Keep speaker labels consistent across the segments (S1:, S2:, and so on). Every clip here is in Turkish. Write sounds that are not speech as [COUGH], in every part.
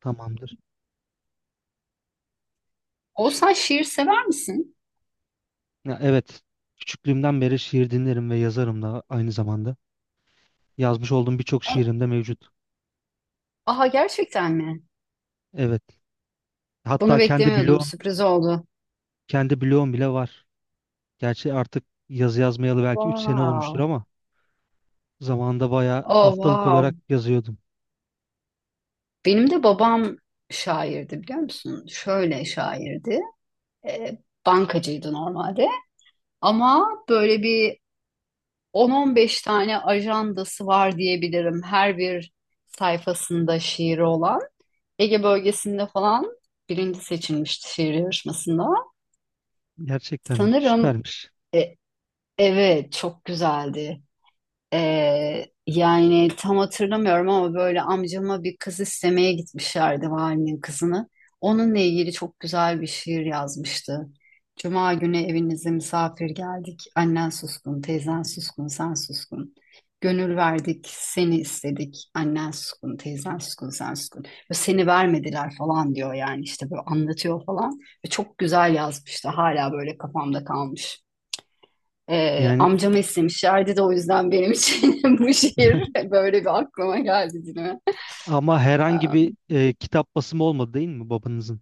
S1: Tamamdır.
S2: Oğuzhan şiir sever misin?
S1: Ya evet. Küçüklüğümden beri şiir dinlerim ve yazarım da aynı zamanda. Yazmış olduğum birçok
S2: Evet.
S1: şiirim de mevcut.
S2: Aha gerçekten mi?
S1: Evet.
S2: Bunu
S1: Hatta
S2: beklemiyordum. Sürpriz oldu.
S1: kendi bloğum bile var. Gerçi artık yazı yazmayalı belki 3 sene olmuştur
S2: Wow.
S1: ama zamanında bayağı
S2: Oh
S1: haftalık
S2: wow.
S1: olarak yazıyordum.
S2: Benim de babam şairdi biliyor musun? Şöyle şairdi. Ee, Bankacıydı normalde. Ama böyle bir 10-15 tane ajandası var diyebilirim. Her bir sayfasında şiiri olan. Ege bölgesinde falan birinci seçilmişti şiir yarışmasında.
S1: Gerçekten
S2: Sanırım
S1: süpermiş.
S2: e, evet çok güzeldi. Yani tam hatırlamıyorum ama böyle amcama bir kız istemeye gitmişlerdi valinin kızını. Onunla ilgili çok güzel bir şiir yazmıştı. Cuma günü evinize misafir geldik. Annen suskun, teyzen suskun, sen suskun. Gönül verdik, seni istedik. Annen suskun, teyzen suskun, sen suskun. Ve seni vermediler falan diyor yani işte böyle anlatıyor falan. Ve çok güzel yazmıştı. Hala böyle kafamda kalmış.
S1: Yani
S2: Amcam istemişlerdi de o yüzden benim için [LAUGHS] bu şiir böyle bir aklıma geldi dilime.
S1: ama herhangi bir
S2: Ee,
S1: kitap basımı olmadı değil mi babanızın?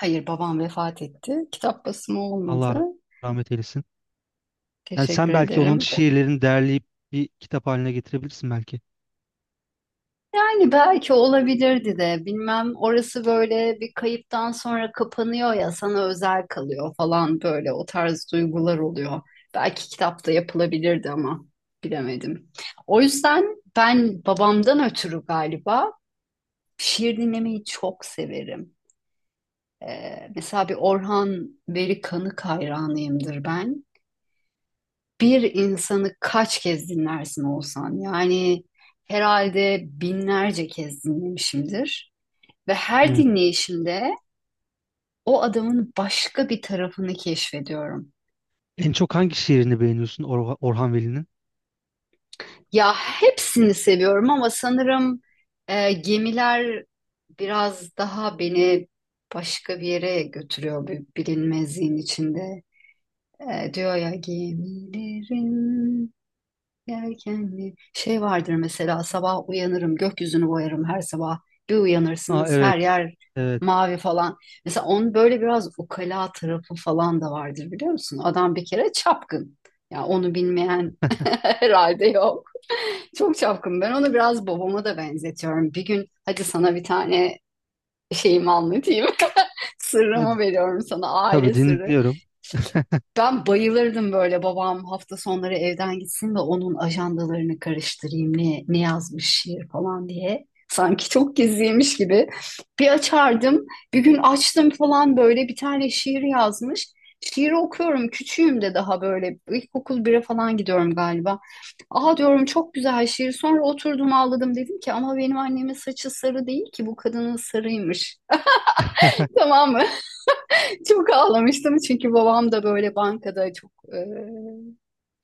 S2: hayır, babam vefat etti. Kitap basımı olmadı.
S1: Allah rahmet eylesin. Yani
S2: Teşekkür
S1: sen belki onun
S2: ederim.
S1: şiirlerini derleyip bir kitap haline getirebilirsin belki.
S2: Yani belki olabilirdi de bilmem, orası böyle bir kayıptan sonra kapanıyor ya, sana özel kalıyor falan, böyle o tarz duygular oluyor. Belki kitapta yapılabilirdi ama bilemedim. O yüzden ben babamdan ötürü galiba şiir dinlemeyi çok severim. Mesela bir Orhan Veli Kanık hayranıyımdır ben. Bir insanı kaç kez dinlersin Oğuzhan? Yani herhalde binlerce kez dinlemişimdir. Ve her dinleyişimde o adamın başka bir tarafını keşfediyorum.
S1: En çok hangi şiirini beğeniyorsun Orhan Veli'nin?
S2: Ya hepsini seviyorum ama sanırım gemiler biraz daha beni başka bir yere götürüyor, bir bilinmezliğin içinde. Diyor ya gemilerin. Erkenli şey vardır mesela, sabah uyanırım gökyüzünü boyarım her sabah, bir
S1: Aa,
S2: uyanırsınız her
S1: evet.
S2: yer
S1: Evet.
S2: mavi falan. Mesela onun böyle biraz ukala tarafı falan da vardır biliyor musun? Adam bir kere çapkın. Ya onu bilmeyen [LAUGHS] herhalde yok. Çok çapkın. Ben onu biraz babama da benzetiyorum. Bir gün hadi sana bir tane şeyimi anlatayım. [LAUGHS] Sırrımı
S1: Hadi
S2: veriyorum sana,
S1: tabii
S2: aile sırrı.
S1: dinliyorum.
S2: Ben bayılırdım böyle, babam hafta sonları evden gitsin de onun ajandalarını karıştırayım ne yazmış şiir falan diye. Sanki çok gizliymiş gibi. Bir açardım, bir gün açtım falan, böyle bir tane şiir yazmış. Şiiri okuyorum, küçüğüm de daha, böyle ilkokul bire falan gidiyorum galiba. Aha diyorum, çok güzel şiir. Sonra oturdum ağladım, dedim ki ama benim annemin saçı sarı değil ki, bu kadının sarıymış. [LAUGHS] Tamam mı? Çok ağlamıştım, çünkü babam da böyle bankada çok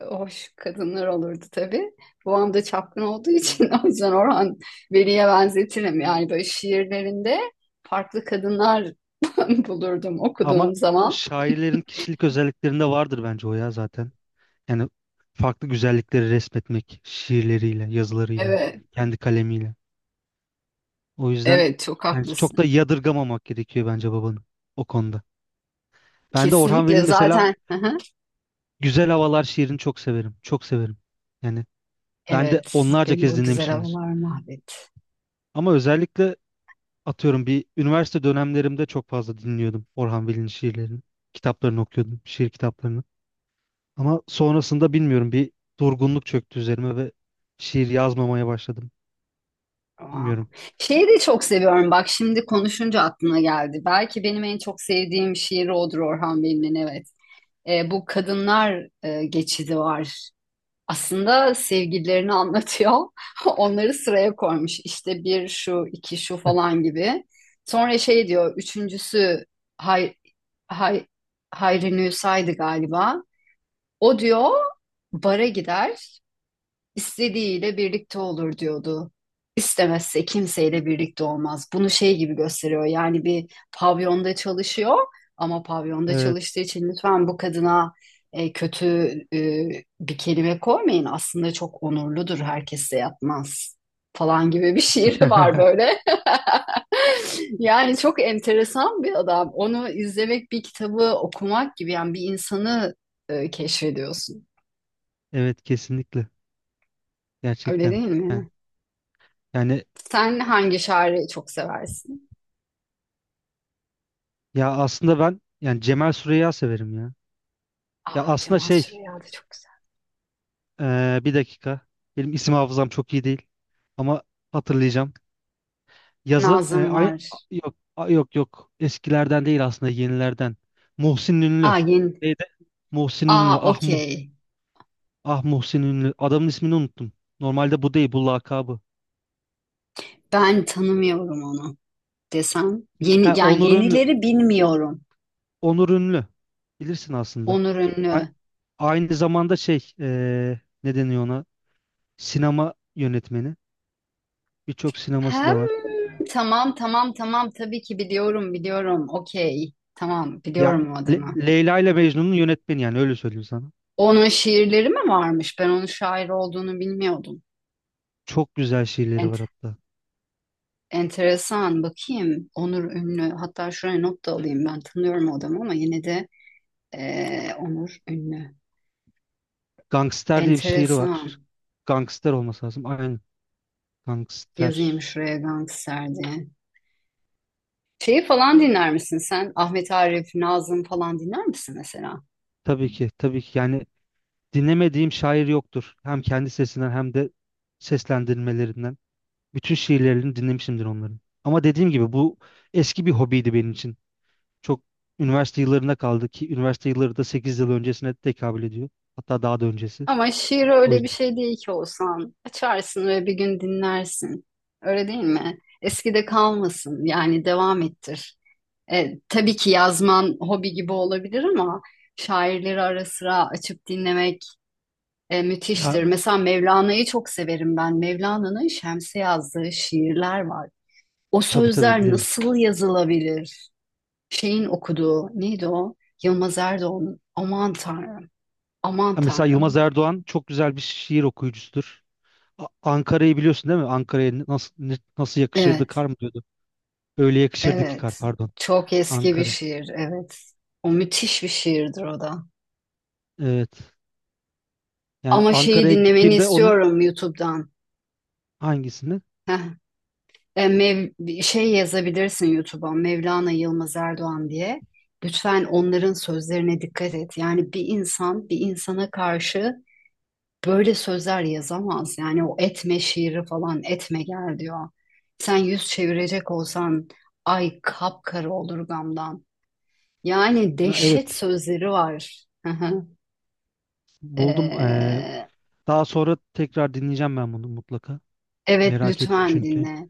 S2: hoş kadınlar olurdu tabii. Babam da çapkın olduğu için [LAUGHS] o yüzden Orhan Veli'ye benzetirim. Yani böyle şiirlerinde farklı kadınlar [LAUGHS] bulurdum
S1: Ama
S2: okuduğum
S1: o
S2: zaman.
S1: şairlerin kişilik özelliklerinde vardır bence o ya zaten. Yani farklı güzellikleri resmetmek şiirleriyle, yazılarıyla,
S2: Evet,
S1: kendi kalemiyle. O yüzden
S2: evet çok
S1: yani çok
S2: haklısın.
S1: da yadırgamamak gerekiyor bence babanın o konuda. Ben de Orhan Veli'nin
S2: Kesinlikle
S1: mesela
S2: zaten. [LAUGHS] Hı hı.
S1: Güzel Havalar şiirini çok severim. Çok severim. Yani ben de
S2: Evet,
S1: onlarca
S2: benim
S1: kez
S2: bu güzel
S1: dinlemişimdir.
S2: havalar mahvetti.
S1: Ama özellikle atıyorum bir üniversite dönemlerimde çok fazla dinliyordum Orhan Veli'nin şiirlerini. Kitaplarını okuyordum, şiir kitaplarını. Ama sonrasında bilmiyorum bir durgunluk çöktü üzerime ve şiir yazmamaya başladım.
S2: Aa.
S1: Bilmiyorum.
S2: Şeyi de çok seviyorum. Bak, şimdi konuşunca aklıma geldi. Belki benim en çok sevdiğim şiir odur, Orhan Veli'nin. Evet. Bu kadınlar geçidi var. Aslında sevgililerini anlatıyor. [LAUGHS] Onları sıraya koymuş. İşte bir şu, iki şu
S1: [LAUGHS]
S2: falan gibi. Sonra şey diyor, üçüncüsü Hay, Hay, Hayri Nusa'ydı galiba. O diyor bara gider, istediğiyle birlikte olur diyordu. İstemezse kimseyle birlikte olmaz. Bunu şey gibi gösteriyor. Yani bir pavyonda çalışıyor, ama pavyonda
S1: Evet.
S2: çalıştığı için lütfen bu kadına kötü e, bir kelime koymayın. Aslında çok onurludur. Herkesle yapmaz falan gibi bir [LAUGHS] şiiri var
S1: [LAUGHS]
S2: böyle. [LAUGHS] Yani çok enteresan bir adam. Onu izlemek bir kitabı okumak gibi, yani bir insanı keşfediyorsun.
S1: Evet, kesinlikle.
S2: Öyle
S1: Gerçekten.
S2: değil
S1: Yani,
S2: mi?
S1: yani
S2: Sen hangi şairi çok seversin?
S1: ya aslında ben yani Cemal Süreya severim ya. Ya
S2: Aa,
S1: aslında
S2: Cemal
S1: şey
S2: Süreya da çok güzel.
S1: bir dakika. Benim isim hafızam çok iyi değil. Ama hatırlayacağım. Yazı
S2: Nazım
S1: aynı
S2: var.
S1: yok yok yok eskilerden değil aslında yenilerden. Muhsin Ünlü.
S2: Aa, yeni.
S1: Neydi? Muhsin
S2: Aa,
S1: Ünlü. Ah Muhsin,
S2: okey.
S1: ah Muhsin Ünlü. Adamın ismini unuttum. Normalde bu değil bu lakabı.
S2: Ben tanımıyorum onu desem.
S1: He
S2: Yeni, yani
S1: Onur Ünlü.
S2: yenileri bilmiyorum.
S1: Onur Ünlü. Bilirsin aslında.
S2: Onur
S1: A-
S2: Ünlü.
S1: Aynı zamanda şey ne deniyor ona? Sinema yönetmeni. Birçok sineması
S2: Hem
S1: da var.
S2: tamam, tamam, tamam, tabii ki biliyorum, biliyorum. Okey. Tamam,
S1: Ya
S2: biliyorum o adamı.
S1: Leyla ile Mecnun'un yönetmeni yani öyle söyleyeyim sana.
S2: Onun şiirleri mi varmış? Ben onun şair olduğunu bilmiyordum.
S1: Çok güzel şiirleri
S2: Ent
S1: var hatta.
S2: Enteresan. Bakayım. Onur Ünlü. Hatta şuraya not da alayım. Ben tanıyorum o adamı ama yine de Onur Ünlü.
S1: Gangster diye bir şiiri
S2: Enteresan.
S1: var. Gangster olması lazım. Aynen.
S2: Yazayım
S1: Gangster.
S2: şuraya gangster diye. Şeyi falan dinler misin sen? Ahmet Arif, Nazım falan dinler misin mesela?
S1: Tabii ki, tabii ki. Yani dinlemediğim şair yoktur. Hem kendi sesinden hem de seslendirmelerinden. Bütün şiirlerini dinlemişimdir onların. Ama dediğim gibi bu eski bir hobiydi benim için. Çok üniversite yıllarına kaldı ki üniversite yılları da 8 yıl öncesine tekabül ediyor. Hatta daha da öncesi.
S2: Ama şiir
S1: O
S2: öyle bir
S1: yüzden
S2: şey değil ki olsan. Açarsın ve bir gün dinlersin. Öyle değil mi? Eskide kalmasın. Yani devam ettir. Tabii ki yazman hobi gibi olabilir, ama şairleri ara sıra açıp dinlemek
S1: ya
S2: müthiştir. Mesela Mevlana'yı çok severim ben. Mevlana'nın Şems'e yazdığı şiirler var. O
S1: tabii, tabii
S2: sözler
S1: bilirim.
S2: nasıl yazılabilir? Şeyin okuduğu neydi o? Yılmaz Erdoğan'ın. Aman Tanrım. Aman
S1: Ha, mesela
S2: Tanrım.
S1: Yılmaz Erdoğan çok güzel bir şiir okuyucusudur. Ankara'yı biliyorsun değil mi? Ankara'ya nasıl nasıl yakışırdı
S2: Evet,
S1: kar mı diyordu. Öyle yakışırdı ki kar,
S2: evet.
S1: pardon.
S2: Çok eski bir
S1: Ankara.
S2: şiir, evet. O müthiş bir şiirdir o da.
S1: Evet. Yani
S2: Ama şeyi
S1: Ankara'ya
S2: dinlemeni
S1: gittiğimde onun
S2: istiyorum YouTube'dan.
S1: hangisini?
S2: Heh. Şey yazabilirsin YouTube'a, Mevlana Yılmaz Erdoğan diye. Lütfen onların sözlerine dikkat et. Yani bir insan bir insana karşı böyle sözler yazamaz. Yani o etme şiiri falan, etme gel diyor. Sen yüz çevirecek olsan ay kapkara olur gamdan. Yani
S1: Ha,
S2: dehşet
S1: evet.
S2: sözleri var. Hı hı.
S1: Buldum.
S2: Ee,
S1: Daha sonra tekrar dinleyeceğim ben bunu mutlaka.
S2: evet,
S1: Merak ettim
S2: lütfen
S1: çünkü.
S2: dinle.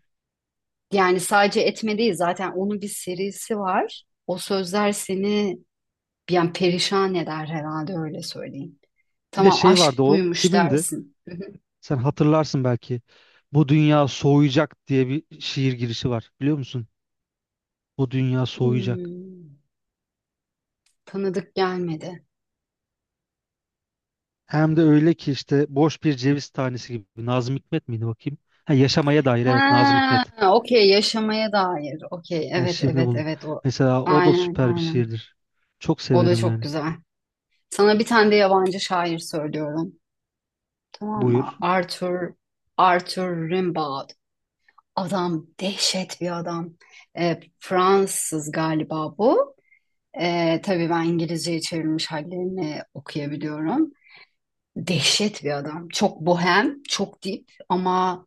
S2: Yani sadece etme değil, zaten onun bir serisi var. O sözler seni yani perişan eder herhalde, öyle söyleyeyim.
S1: Bir de
S2: Tamam,
S1: şey
S2: aşk
S1: vardı o
S2: buymuş
S1: kimindi?
S2: dersin. Hı hı.
S1: Sen hatırlarsın belki. Bu dünya soğuyacak diye bir şiir girişi var. Biliyor musun? Bu dünya soğuyacak.
S2: Hmm, Tanıdık gelmedi.
S1: Hem de öyle ki işte boş bir ceviz tanesi gibi. Nazım Hikmet miydi bakayım? Ha, yaşamaya dair, evet Nazım
S2: Ha,
S1: Hikmet.
S2: okey, yaşamaya dair. Okey,
S1: Yani
S2: evet,
S1: şimdi
S2: evet,
S1: bunu
S2: evet, o.
S1: mesela o da
S2: Aynen,
S1: süper bir
S2: aynen.
S1: şiirdir. Çok
S2: O da
S1: severim
S2: çok
S1: yani.
S2: güzel. Sana bir tane de yabancı şair söylüyorum. Tamam mı?
S1: Buyur.
S2: Arthur Rimbaud. Adam dehşet bir adam. Fransız galiba bu. Tabii ben İngilizceye çevrilmiş hallerini okuyabiliyorum. Dehşet bir adam. Çok bohem, çok dip, ama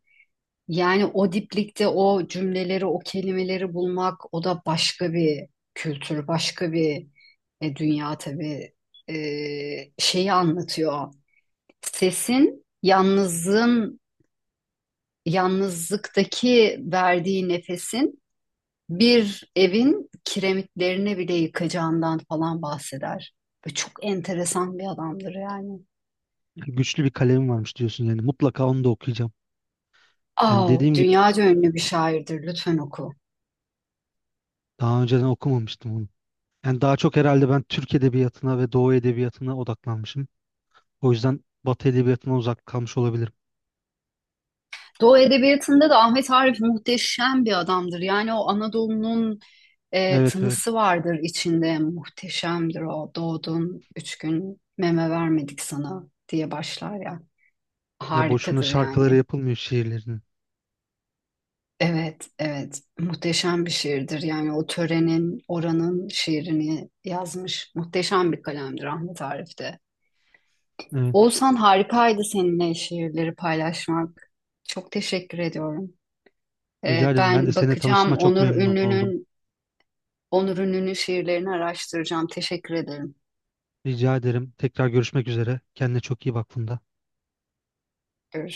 S2: yani o diplikte o cümleleri, o kelimeleri bulmak, o da başka bir kültür, başka bir dünya tabii. E, Şeyi anlatıyor. Sesin, yalnızlığın, yalnızlıktaki verdiği nefesin bir evin kiremitlerini bile yıkacağından falan bahseder. Ve çok enteresan bir adamdır yani.
S1: Yani güçlü bir kalemim varmış diyorsun yani. Mutlaka onu da okuyacağım. Yani
S2: Aa,
S1: dediğim gibi
S2: dünyaca ünlü bir şairdir. Lütfen oku.
S1: daha önceden okumamıştım onu. Yani daha çok herhalde ben Türk edebiyatına ve Doğu edebiyatına odaklanmışım. O yüzden Batı edebiyatına uzak kalmış olabilirim.
S2: Doğu Edebiyatı'nda da Ahmet Arif muhteşem bir adamdır. Yani o Anadolu'nun
S1: Evet, evet.
S2: tınısı vardır içinde. Muhteşemdir o. Doğdun 3 gün meme vermedik sana diye başlar ya.
S1: Ya boşuna
S2: Harikadır
S1: şarkıları
S2: yani.
S1: yapılmıyor şiirlerinin.
S2: Evet, evet. Muhteşem bir şiirdir. Yani o törenin, oranın şiirini yazmış. Muhteşem bir kalemdir Ahmet Arif de.
S1: Evet.
S2: Oğuzhan, harikaydı seninle şiirleri paylaşmak. Çok teşekkür ediyorum.
S1: Rica ederim. Ben de
S2: Ben
S1: seninle
S2: bakacağım,
S1: tanıştığıma çok memnun oldum.
S2: Onur'un ünlü şiirlerini araştıracağım. Teşekkür ederim.
S1: Rica ederim. Tekrar görüşmek üzere. Kendine çok iyi bak, Funda.
S2: Görüşürüz.